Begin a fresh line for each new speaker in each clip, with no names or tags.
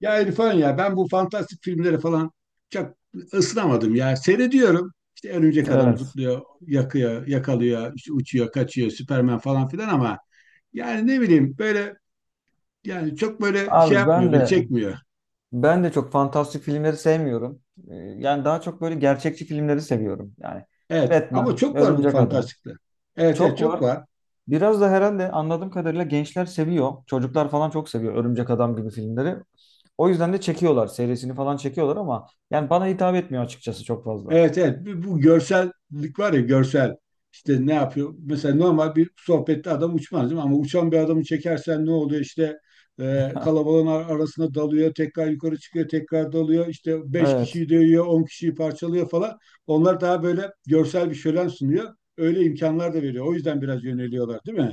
Ya İrfan ya ben bu fantastik filmleri falan çok ısınamadım ya. Seyrediyorum. İşte örümcek adam
Evet.
zıplıyor, yakıyor, yakalıyor, işte uçuyor, kaçıyor, Süperman falan filan ama yani ne bileyim böyle yani çok böyle şey
Abi
yapmıyor,
ben
beni
de
çekmiyor.
ben de çok fantastik filmleri sevmiyorum. Yani daha çok böyle gerçekçi filmleri seviyorum. Yani
Evet ama
Batman,
çok var bu
Örümcek Adam.
fantastikler. Evet, evet,
Çok
çok
var.
var.
Biraz da herhalde anladığım kadarıyla gençler seviyor. Çocuklar falan çok seviyor Örümcek Adam gibi filmleri. O yüzden de çekiyorlar. Serisini falan çekiyorlar ama yani bana hitap etmiyor açıkçası çok fazla.
Evet, evet, bu görsellik var ya görsel işte ne yapıyor mesela normal bir sohbette adam uçmaz değil mi ama uçan bir adamı çekersen ne oluyor işte kalabalığın arasına dalıyor tekrar yukarı çıkıyor tekrar dalıyor işte beş
Evet.
kişiyi dövüyor 10 kişiyi parçalıyor falan onlar daha böyle görsel bir şölen sunuyor öyle imkanlar da veriyor o yüzden biraz yöneliyorlar değil mi?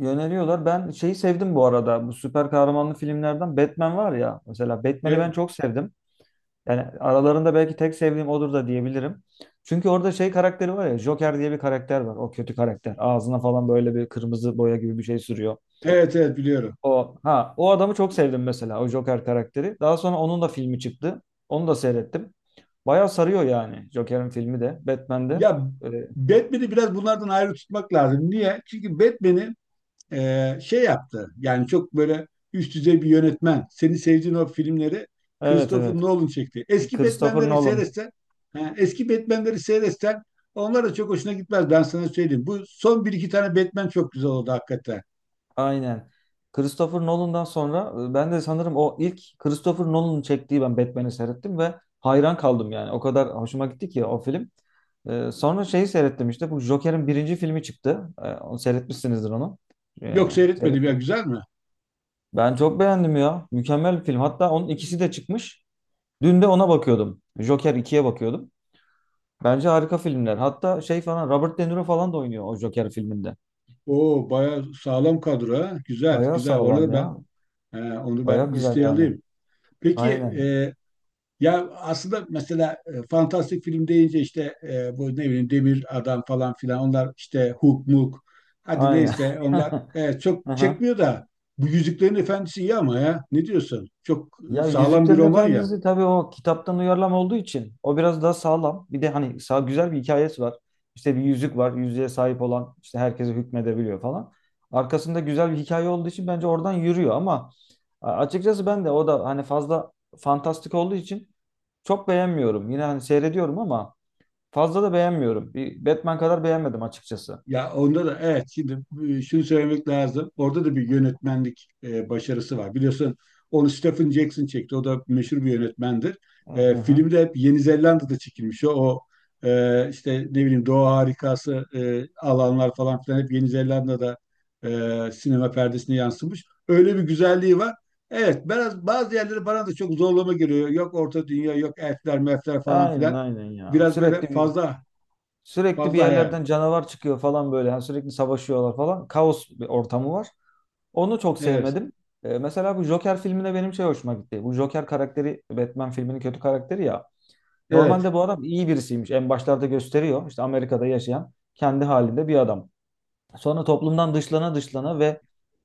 Yöneliyorlar. Ben şeyi sevdim bu arada. Bu süper kahramanlı filmlerden Batman var ya. Mesela Batman'i ben
E,
çok sevdim. Yani aralarında belki tek sevdiğim odur da diyebilirim. Çünkü orada şey karakteri var ya Joker diye bir karakter var. O kötü karakter. Ağzına falan böyle bir kırmızı boya gibi bir şey sürüyor.
evet, evet, biliyorum.
O adamı çok sevdim mesela o Joker karakteri. Daha sonra onun da filmi çıktı. Onu da seyrettim. Bayağı sarıyor yani Joker'in filmi de Batman'de.
Ya
Ee,
Batman'i biraz bunlardan ayrı tutmak lazım. Niye? Çünkü Batman'i şey yaptı. Yani çok böyle üst düzey bir yönetmen. Seni sevdiğin o filmleri
Evet
Christopher
evet.
Nolan çekti.
Christopher Nolan.
Eski Batman'leri seyretsen onlar da çok hoşuna gitmez. Ben sana söyleyeyim. Bu son bir iki tane Batman çok güzel oldu hakikaten.
Aynen. Christopher Nolan'dan sonra ben de sanırım o ilk Christopher Nolan'ın çektiği ben Batman'i seyrettim ve hayran kaldım yani. O kadar hoşuma gitti ki o film. E, sonra şeyi seyrettim işte bu Joker'in birinci filmi çıktı. E, onu seyretmişsinizdir onu. E,
Yok, seyretmedim ya,
seyret-
güzel mi?
Ben çok beğendim ya. Mükemmel bir film. Hatta onun ikisi de çıkmış. Dün de ona bakıyordum. Joker ikiye bakıyordum. Bence harika filmler. Hatta şey falan Robert De Niro falan da oynuyor o Joker filminde.
Oo, bayağı sağlam kadro ha. Güzel,
Bayağı
güzel.
sağlam ya.
Onu ben
Bayağı güzel
listeye
yani.
alayım. Peki
Aynen.
e, Ya aslında mesela fantastik film deyince işte bu ne bileyim Demir Adam falan filan onlar işte Hook Mook hadi
Aynen.
neyse onlar çok
Aha.
çekmiyor da bu Yüzüklerin Efendisi iyi ama ya ne diyorsun? Çok
Ya
sağlam bir
Yüzüklerin
roman ya.
Efendisi tabii o kitaptan uyarlama olduğu için o biraz daha sağlam. Bir de hani sağ güzel bir hikayesi var. İşte bir yüzük var. Yüzüğe sahip olan işte herkese hükmedebiliyor falan. Arkasında güzel bir hikaye olduğu için bence oradan yürüyor ama açıkçası ben de o da hani fazla fantastik olduğu için çok beğenmiyorum. Yine hani seyrediyorum ama fazla da beğenmiyorum. Bir Batman kadar beğenmedim açıkçası.
Ya onda da evet şimdi şunu söylemek lazım. Orada da bir yönetmenlik başarısı var. Biliyorsun onu Stephen Jackson çekti. O da meşhur bir yönetmendir.
Hı hı.
Film de hep Yeni Zelanda'da çekilmiş. İşte ne bileyim doğa harikası alanlar falan filan hep Yeni Zelanda'da sinema perdesine yansımış. Öyle bir güzelliği var. Evet, biraz bazı yerleri bana da çok zorlama geliyor. Yok Orta Dünya, yok elfler, mefler falan
Aynen
filan.
aynen ya.
Biraz böyle
Sürekli bir
fazla
Sürekli bir
hayali.
yerlerden canavar çıkıyor falan böyle. Yani sürekli savaşıyorlar falan. Kaos bir ortamı var. Onu çok
Evet.
sevmedim. Mesela bu Joker filmine benim şey hoşuma gitti. Bu Joker karakteri Batman filminin kötü karakteri ya.
Evet.
Normalde bu adam iyi birisiymiş. En başlarda gösteriyor. İşte Amerika'da yaşayan kendi halinde bir adam. Sonra toplumdan dışlana dışlana ve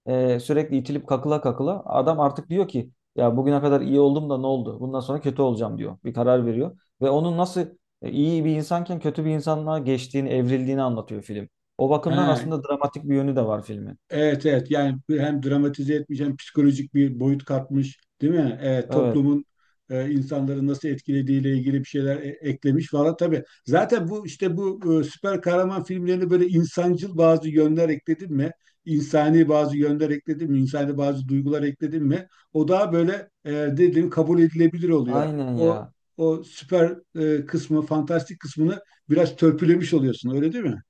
sürekli itilip kakıla kakıla adam artık diyor ki ya bugüne kadar iyi oldum da ne oldu? Bundan sonra kötü olacağım diyor. Bir karar veriyor. Ve onun nasıl iyi bir insanken kötü bir insanlığa geçtiğini, evrildiğini anlatıyor film. O bakımdan
Ha,
aslında dramatik bir yönü de var filmin.
evet, evet, yani hem dramatize etmiş hem psikolojik bir boyut katmış değil mi? Evet,
Evet.
toplumun insanları nasıl etkilediğiyle ilgili bir şeyler eklemiş falan tabii. Zaten bu işte bu süper kahraman filmlerine böyle insancıl bazı yönler ekledin mi? İnsani bazı yönler ekledin mi? İnsani bazı duygular ekledin mi? O daha böyle dediğim kabul edilebilir oluyor.
Aynen
O
ya.
o süper kısmı, fantastik kısmını biraz törpülemiş oluyorsun öyle değil mi?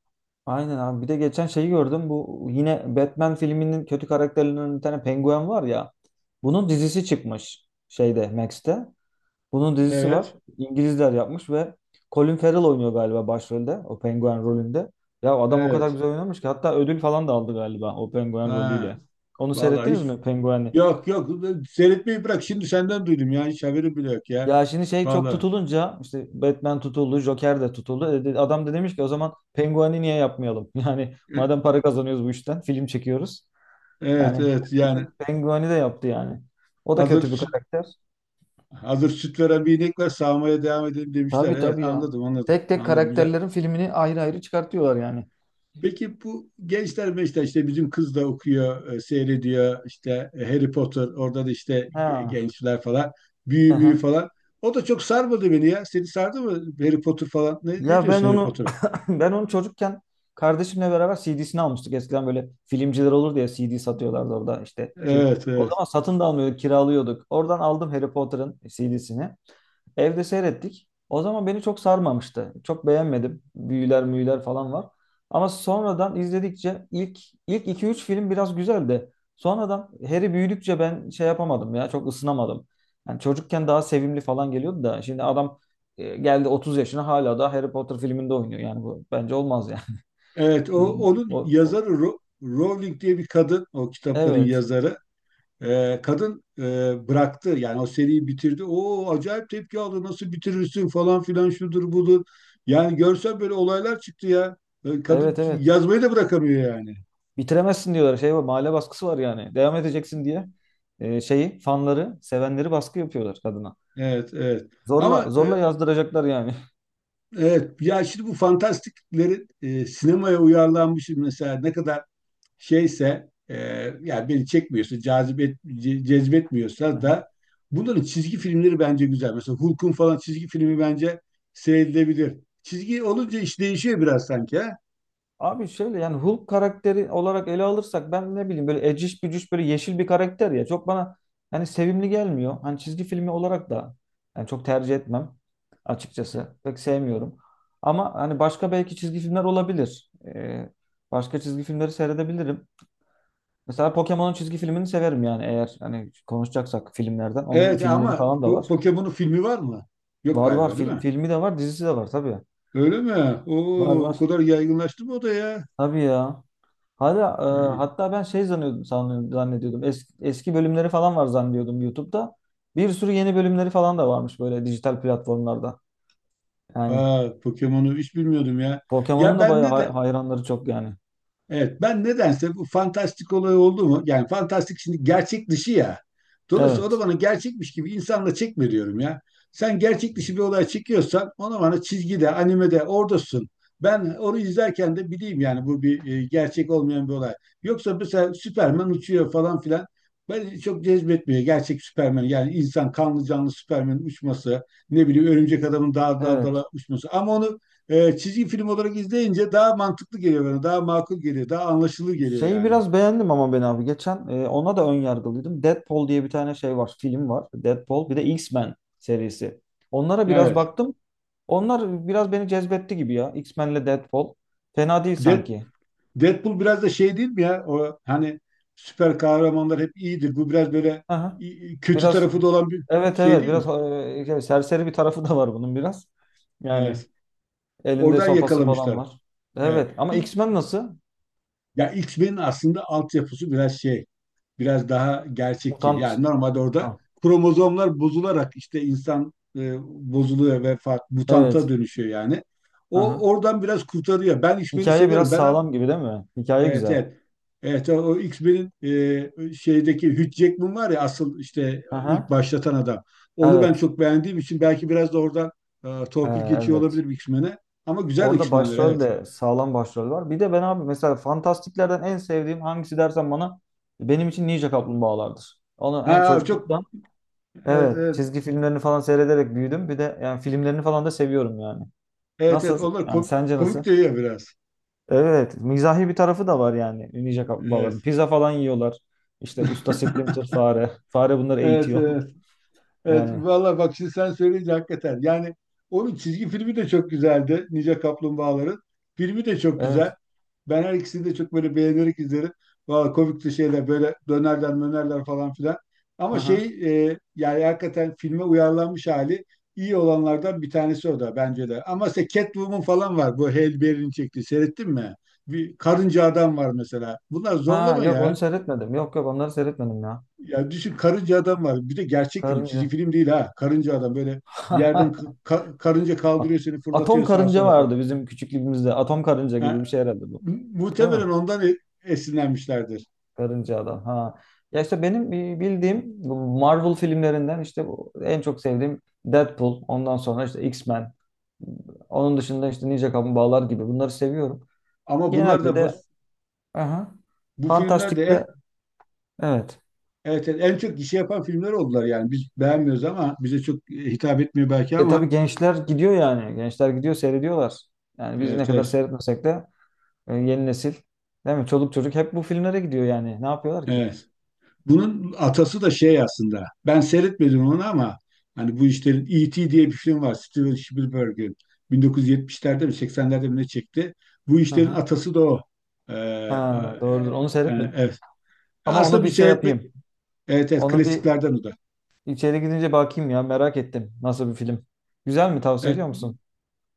Aynen abi. Bir de geçen şeyi gördüm. Bu yine Batman filminin kötü karakterlerinden bir tane penguen var ya. Bunun dizisi çıkmış şeyde Max'te. Bunun dizisi var.
Evet,
İngilizler yapmış ve Colin Farrell oynuyor galiba başrolde. O penguen rolünde. Ya adam o kadar
evet.
güzel oynamış ki hatta ödül falan da aldı galiba o penguen
Ha.
rolüyle. Onu
Vallahi
seyrettiniz
hiç,
mi pengueni?
yok, yok, seyretmeyi bırak. Şimdi senden duydum ya. Hiç haberim bile yok ya.
Ya şimdi şey çok
Vallahi
tutulunca işte Batman tutuldu, Joker de tutuldu. Adam da demiş ki o zaman pengueni niye yapmayalım? Yani madem
E,
para kazanıyoruz bu işten film çekiyoruz.
evet,
Yani
evet, yani
pengueni de yaptı yani. O da
hazır
kötü bir
süt
karakter.
hazır süt veren bir inek var, sağmaya devam edelim demişler.
Tabii
Evet,
tabii ya.
anladım, anladım.
Tek tek
Anladım, güzel.
karakterlerin filmini ayrı ayrı çıkartıyorlar yani.
Peki bu gençler meşte işte bizim kız da okuyor, seyrediyor işte Harry Potter, orada da işte
Ha.
gençler falan büyü büyü
Aha.
falan. O da çok sarmadı beni ya. Seni sardı mı Harry Potter falan? Ne
Ya ben
diyorsun Harry
onu
Potter'a?
ben onu çocukken kardeşimle beraber CD'sini almıştık. Eskiden böyle filmciler olurdu ya CD satıyorlardı orada işte. Kir-
Evet,
O
evet.
zaman satın da almıyorduk, kiralıyorduk. Oradan aldım Harry Potter'ın CD'sini. Evde seyrettik. O zaman beni çok sarmamıştı. Çok beğenmedim. Büyüler müyüler falan var. Ama sonradan izledikçe ilk ilk iki üç film biraz güzeldi. Sonradan Harry büyüdükçe ben şey yapamadım ya çok ısınamadım. Yani çocukken daha sevimli falan geliyordu da şimdi adam geldi 30 yaşına hala da Harry Potter filminde oynuyor. Yani bu bence olmaz yani.
Evet, o onun
O, o-
yazarı Rowling diye bir kadın, o kitapların
evet.
yazarı. Kadın bıraktı, yani o seriyi bitirdi. O acayip tepki aldı, nasıl bitirirsin falan filan şudur budur. Yani görsen böyle olaylar çıktı ya. Kadın
Evet evet.
yazmayı da bırakamıyor yani.
Bitiremezsin diyorlar. Şey var, mahalle baskısı var yani. Devam edeceksin diye şeyi fanları, sevenleri baskı yapıyorlar kadına.
Evet, evet.
Zorla
Ama
zorla yazdıracaklar yani.
evet, ya şimdi bu fantastiklerin sinemaya uyarlanmış mesela ne kadar şeyse yani beni çekmiyorsa, cazibet,
Hı
cezbetmiyorsa
hı.
da bunların çizgi filmleri bence güzel. Mesela Hulk'un falan çizgi filmi bence seyredilebilir. Çizgi olunca iş değişiyor biraz sanki, ha?
Abi şöyle yani Hulk karakteri olarak ele alırsak ben ne bileyim böyle eciş bücüş böyle yeşil bir karakter ya. Çok bana hani sevimli gelmiyor. Hani çizgi filmi olarak da yani çok tercih etmem açıkçası. Pek sevmiyorum. Ama hani başka belki çizgi filmler olabilir. Başka çizgi filmleri seyredebilirim. Mesela Pokemon'un çizgi filmini severim yani eğer hani konuşacaksak filmlerden. Onun
Evet
filmleri
ama
falan da var.
Pokemon'un filmi var mı? Yok
Var var
galiba, değil
film,
mi?
filmi de var dizisi de var tabii.
Öyle mi?
Var
Oo, o
var.
kadar yaygınlaştı mı o da ya?
Tabii ya. Hala,
Ha.
hatta ben şey zannediyordum, zannediyordum. Eski, eski bölümleri falan var zannediyordum YouTube'da. Bir sürü yeni bölümleri falan da varmış böyle dijital platformlarda. Yani
Aa, Pokemon'u hiç bilmiyordum ya.
Pokemon'un
Ya
da bayağı
bende de.
hayranları çok yani.
Evet, ben nedense bu fantastik olay oldu mu? Yani fantastik şimdi gerçek dışı ya. Dolayısıyla o da
Evet.
bana gerçekmiş gibi insanla çekme diyorum ya. Sen gerçek dışı bir olay çekiyorsan ona bana çizgide, animede oradasın. Ben onu izlerken de bileyim yani bu bir gerçek olmayan bir olay. Yoksa mesela Süperman uçuyor falan filan. Ben çok cezbetmiyor gerçek Süperman. Yani insan kanlı canlı Süperman'in uçması, ne bileyim örümcek adamın dağ dağ dala
Evet.
uçması. Ama onu çizgi film olarak izleyince daha mantıklı geliyor bana. Daha makul geliyor. Daha anlaşılır geliyor
Şeyi
yani.
biraz beğendim ama ben abi geçen ona da ön yargılıydım. Deadpool diye bir tane şey var, film var. Deadpool bir de X-Men serisi. Onlara biraz
Evet.
baktım. Onlar biraz beni cezbetti gibi ya. X-Men'le Deadpool. Fena değil
Dead,
sanki.
Deadpool biraz da şey değil mi ya? O hani süper kahramanlar hep iyidir. Bu biraz böyle kötü
Biraz
tarafı da olan bir
evet
şey
evet
değil
biraz
mi?
yani serseri bir tarafı da var bunun biraz. Yani
Evet.
elinde
Oradan
sopası falan
yakalamışlar.
var.
Evet.
Evet ama X-Men nasıl?
Ya X-Men'in aslında altyapısı biraz şey, biraz daha gerçekçi.
Mutant.
Yani normalde orada
Ha.
kromozomlar bozularak işte insan bozuluyor ve farklı mutanta
Evet.
dönüşüyor yani. O
Aha.
oradan biraz kurtarıyor. Ben X-Men'i
Hikaye
seviyorum.
biraz sağlam gibi değil mi? Hikaye
Evet,
güzel.
evet. Evet o X-Men'in şeydeki Hugh Jackman var ya asıl işte ilk
Aha.
başlatan adam. Onu ben
Evet.
çok beğendiğim için belki biraz da oradan torpil geçiyor
Evet.
olabilir X-Men'e. Ama güzel
Orada
X-Men'ler,
başrol
evet.
de sağlam başrol var. Bir de ben abi mesela fantastiklerden en sevdiğim hangisi dersen bana benim için Ninja Kaplumbağalardır. Onu hem
Ha, çok,
çocukluktan
evet,
evet
evet.
çizgi filmlerini falan seyrederek büyüdüm. Bir de yani filmlerini falan da seviyorum yani.
Evet, evet,
Nasıl?
onlar
Yani
komik,
sence nasıl?
komik de ya biraz.
Evet, mizahi bir tarafı da var yani ninja kaplumbağaların.
Evet.
Pizza falan yiyorlar. İşte usta Splinter fare. Fare bunları
Evet,
eğitiyor.
evet. Evet,
Yani
valla bak şimdi sen söyleyince hakikaten. Yani onun çizgi filmi de çok güzeldi. Ninja Kaplumbağaların. Filmi de çok güzel.
evet.
Ben her ikisini de çok böyle beğenerek izlerim. Valla komikti şeyler, böyle dönerler mönerler falan filan. Ama şey
Aha.
yani hakikaten filme uyarlanmış hali iyi olanlardan bir tanesi o da bence de. Ama işte Catwoman falan var. Bu Halle Berry'nin çektiği. Seyrettin mi? Bir karınca adam var mesela. Bunlar
Ha
zorlama
yok onu
ya.
seyretmedim. Yok yok onları seyretmedim ya.
Ya düşün, karınca adam var. Bir de gerçek film. Çizgi
Karınca.
film değil ha. Karınca adam böyle yerden karınca
At-
kaldırıyor, seni
Atom
fırlatıyor sağa
karınca
sola falan.
vardı bizim küçüklüğümüzde. Atom karınca gibi bir
Ha,
şey herhalde bu. Değil mi?
muhtemelen ondan esinlenmişlerdir.
Karınca Adam. Ha. Ya işte benim bildiğim bu Marvel filmlerinden işte bu en çok sevdiğim Deadpool. Ondan sonra işte X-Men. Onun dışında işte Ninja Kaplumbağalar gibi bunları seviyorum.
Ama bunlar
Genelde
da
de aha,
bu filmler de
Fantastik'te evet.
evet, evet, en çok gişe yapan filmler oldular yani. Biz beğenmiyoruz ama bize çok hitap etmiyor belki
E
ama
tabii gençler gidiyor yani. Gençler gidiyor seyrediyorlar. Yani biz ne
evet,
kadar
evet.
seyretmesek de yeni nesil değil mi? Çoluk çocuk hep bu filmlere gidiyor yani. Ne yapıyorlar ki?
Evet. Bunun atası da şey aslında. Ben seyretmedim onu ama hani bu işlerin E.T. diye bir film var. Steven Spielberg'in 1970'lerde mi 80'lerde mi ne çekti. Bu
Hı
işlerin
hı.
atası da o. Ee, e,
Ha, doğrudur.
e,
Onu seyretmedim.
evet.
Ama
Aslında
onu
bir
bir şey
seyretmek
yapayım.
evet, evet,
Onu bir
klasiklerden o da.
İçeri gidince bakayım ya merak ettim. Nasıl bir film? Güzel mi? Tavsiye
Evet.
ediyor musun?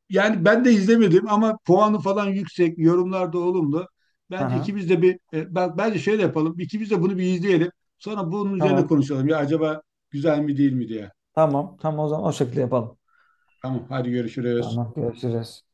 Yani ben de izlemedim ama puanı falan yüksek, yorumlar da olumlu. Bence
Aha,
ikimiz de bence şöyle yapalım. İkimiz de bunu bir izleyelim. Sonra bunun üzerine
tamam.
konuşalım. Ya acaba güzel mi değil mi diye.
Tamam. Tamam o zaman o şekilde yapalım.
Tamam, hadi görüşürüz.
Tamam görüşürüz.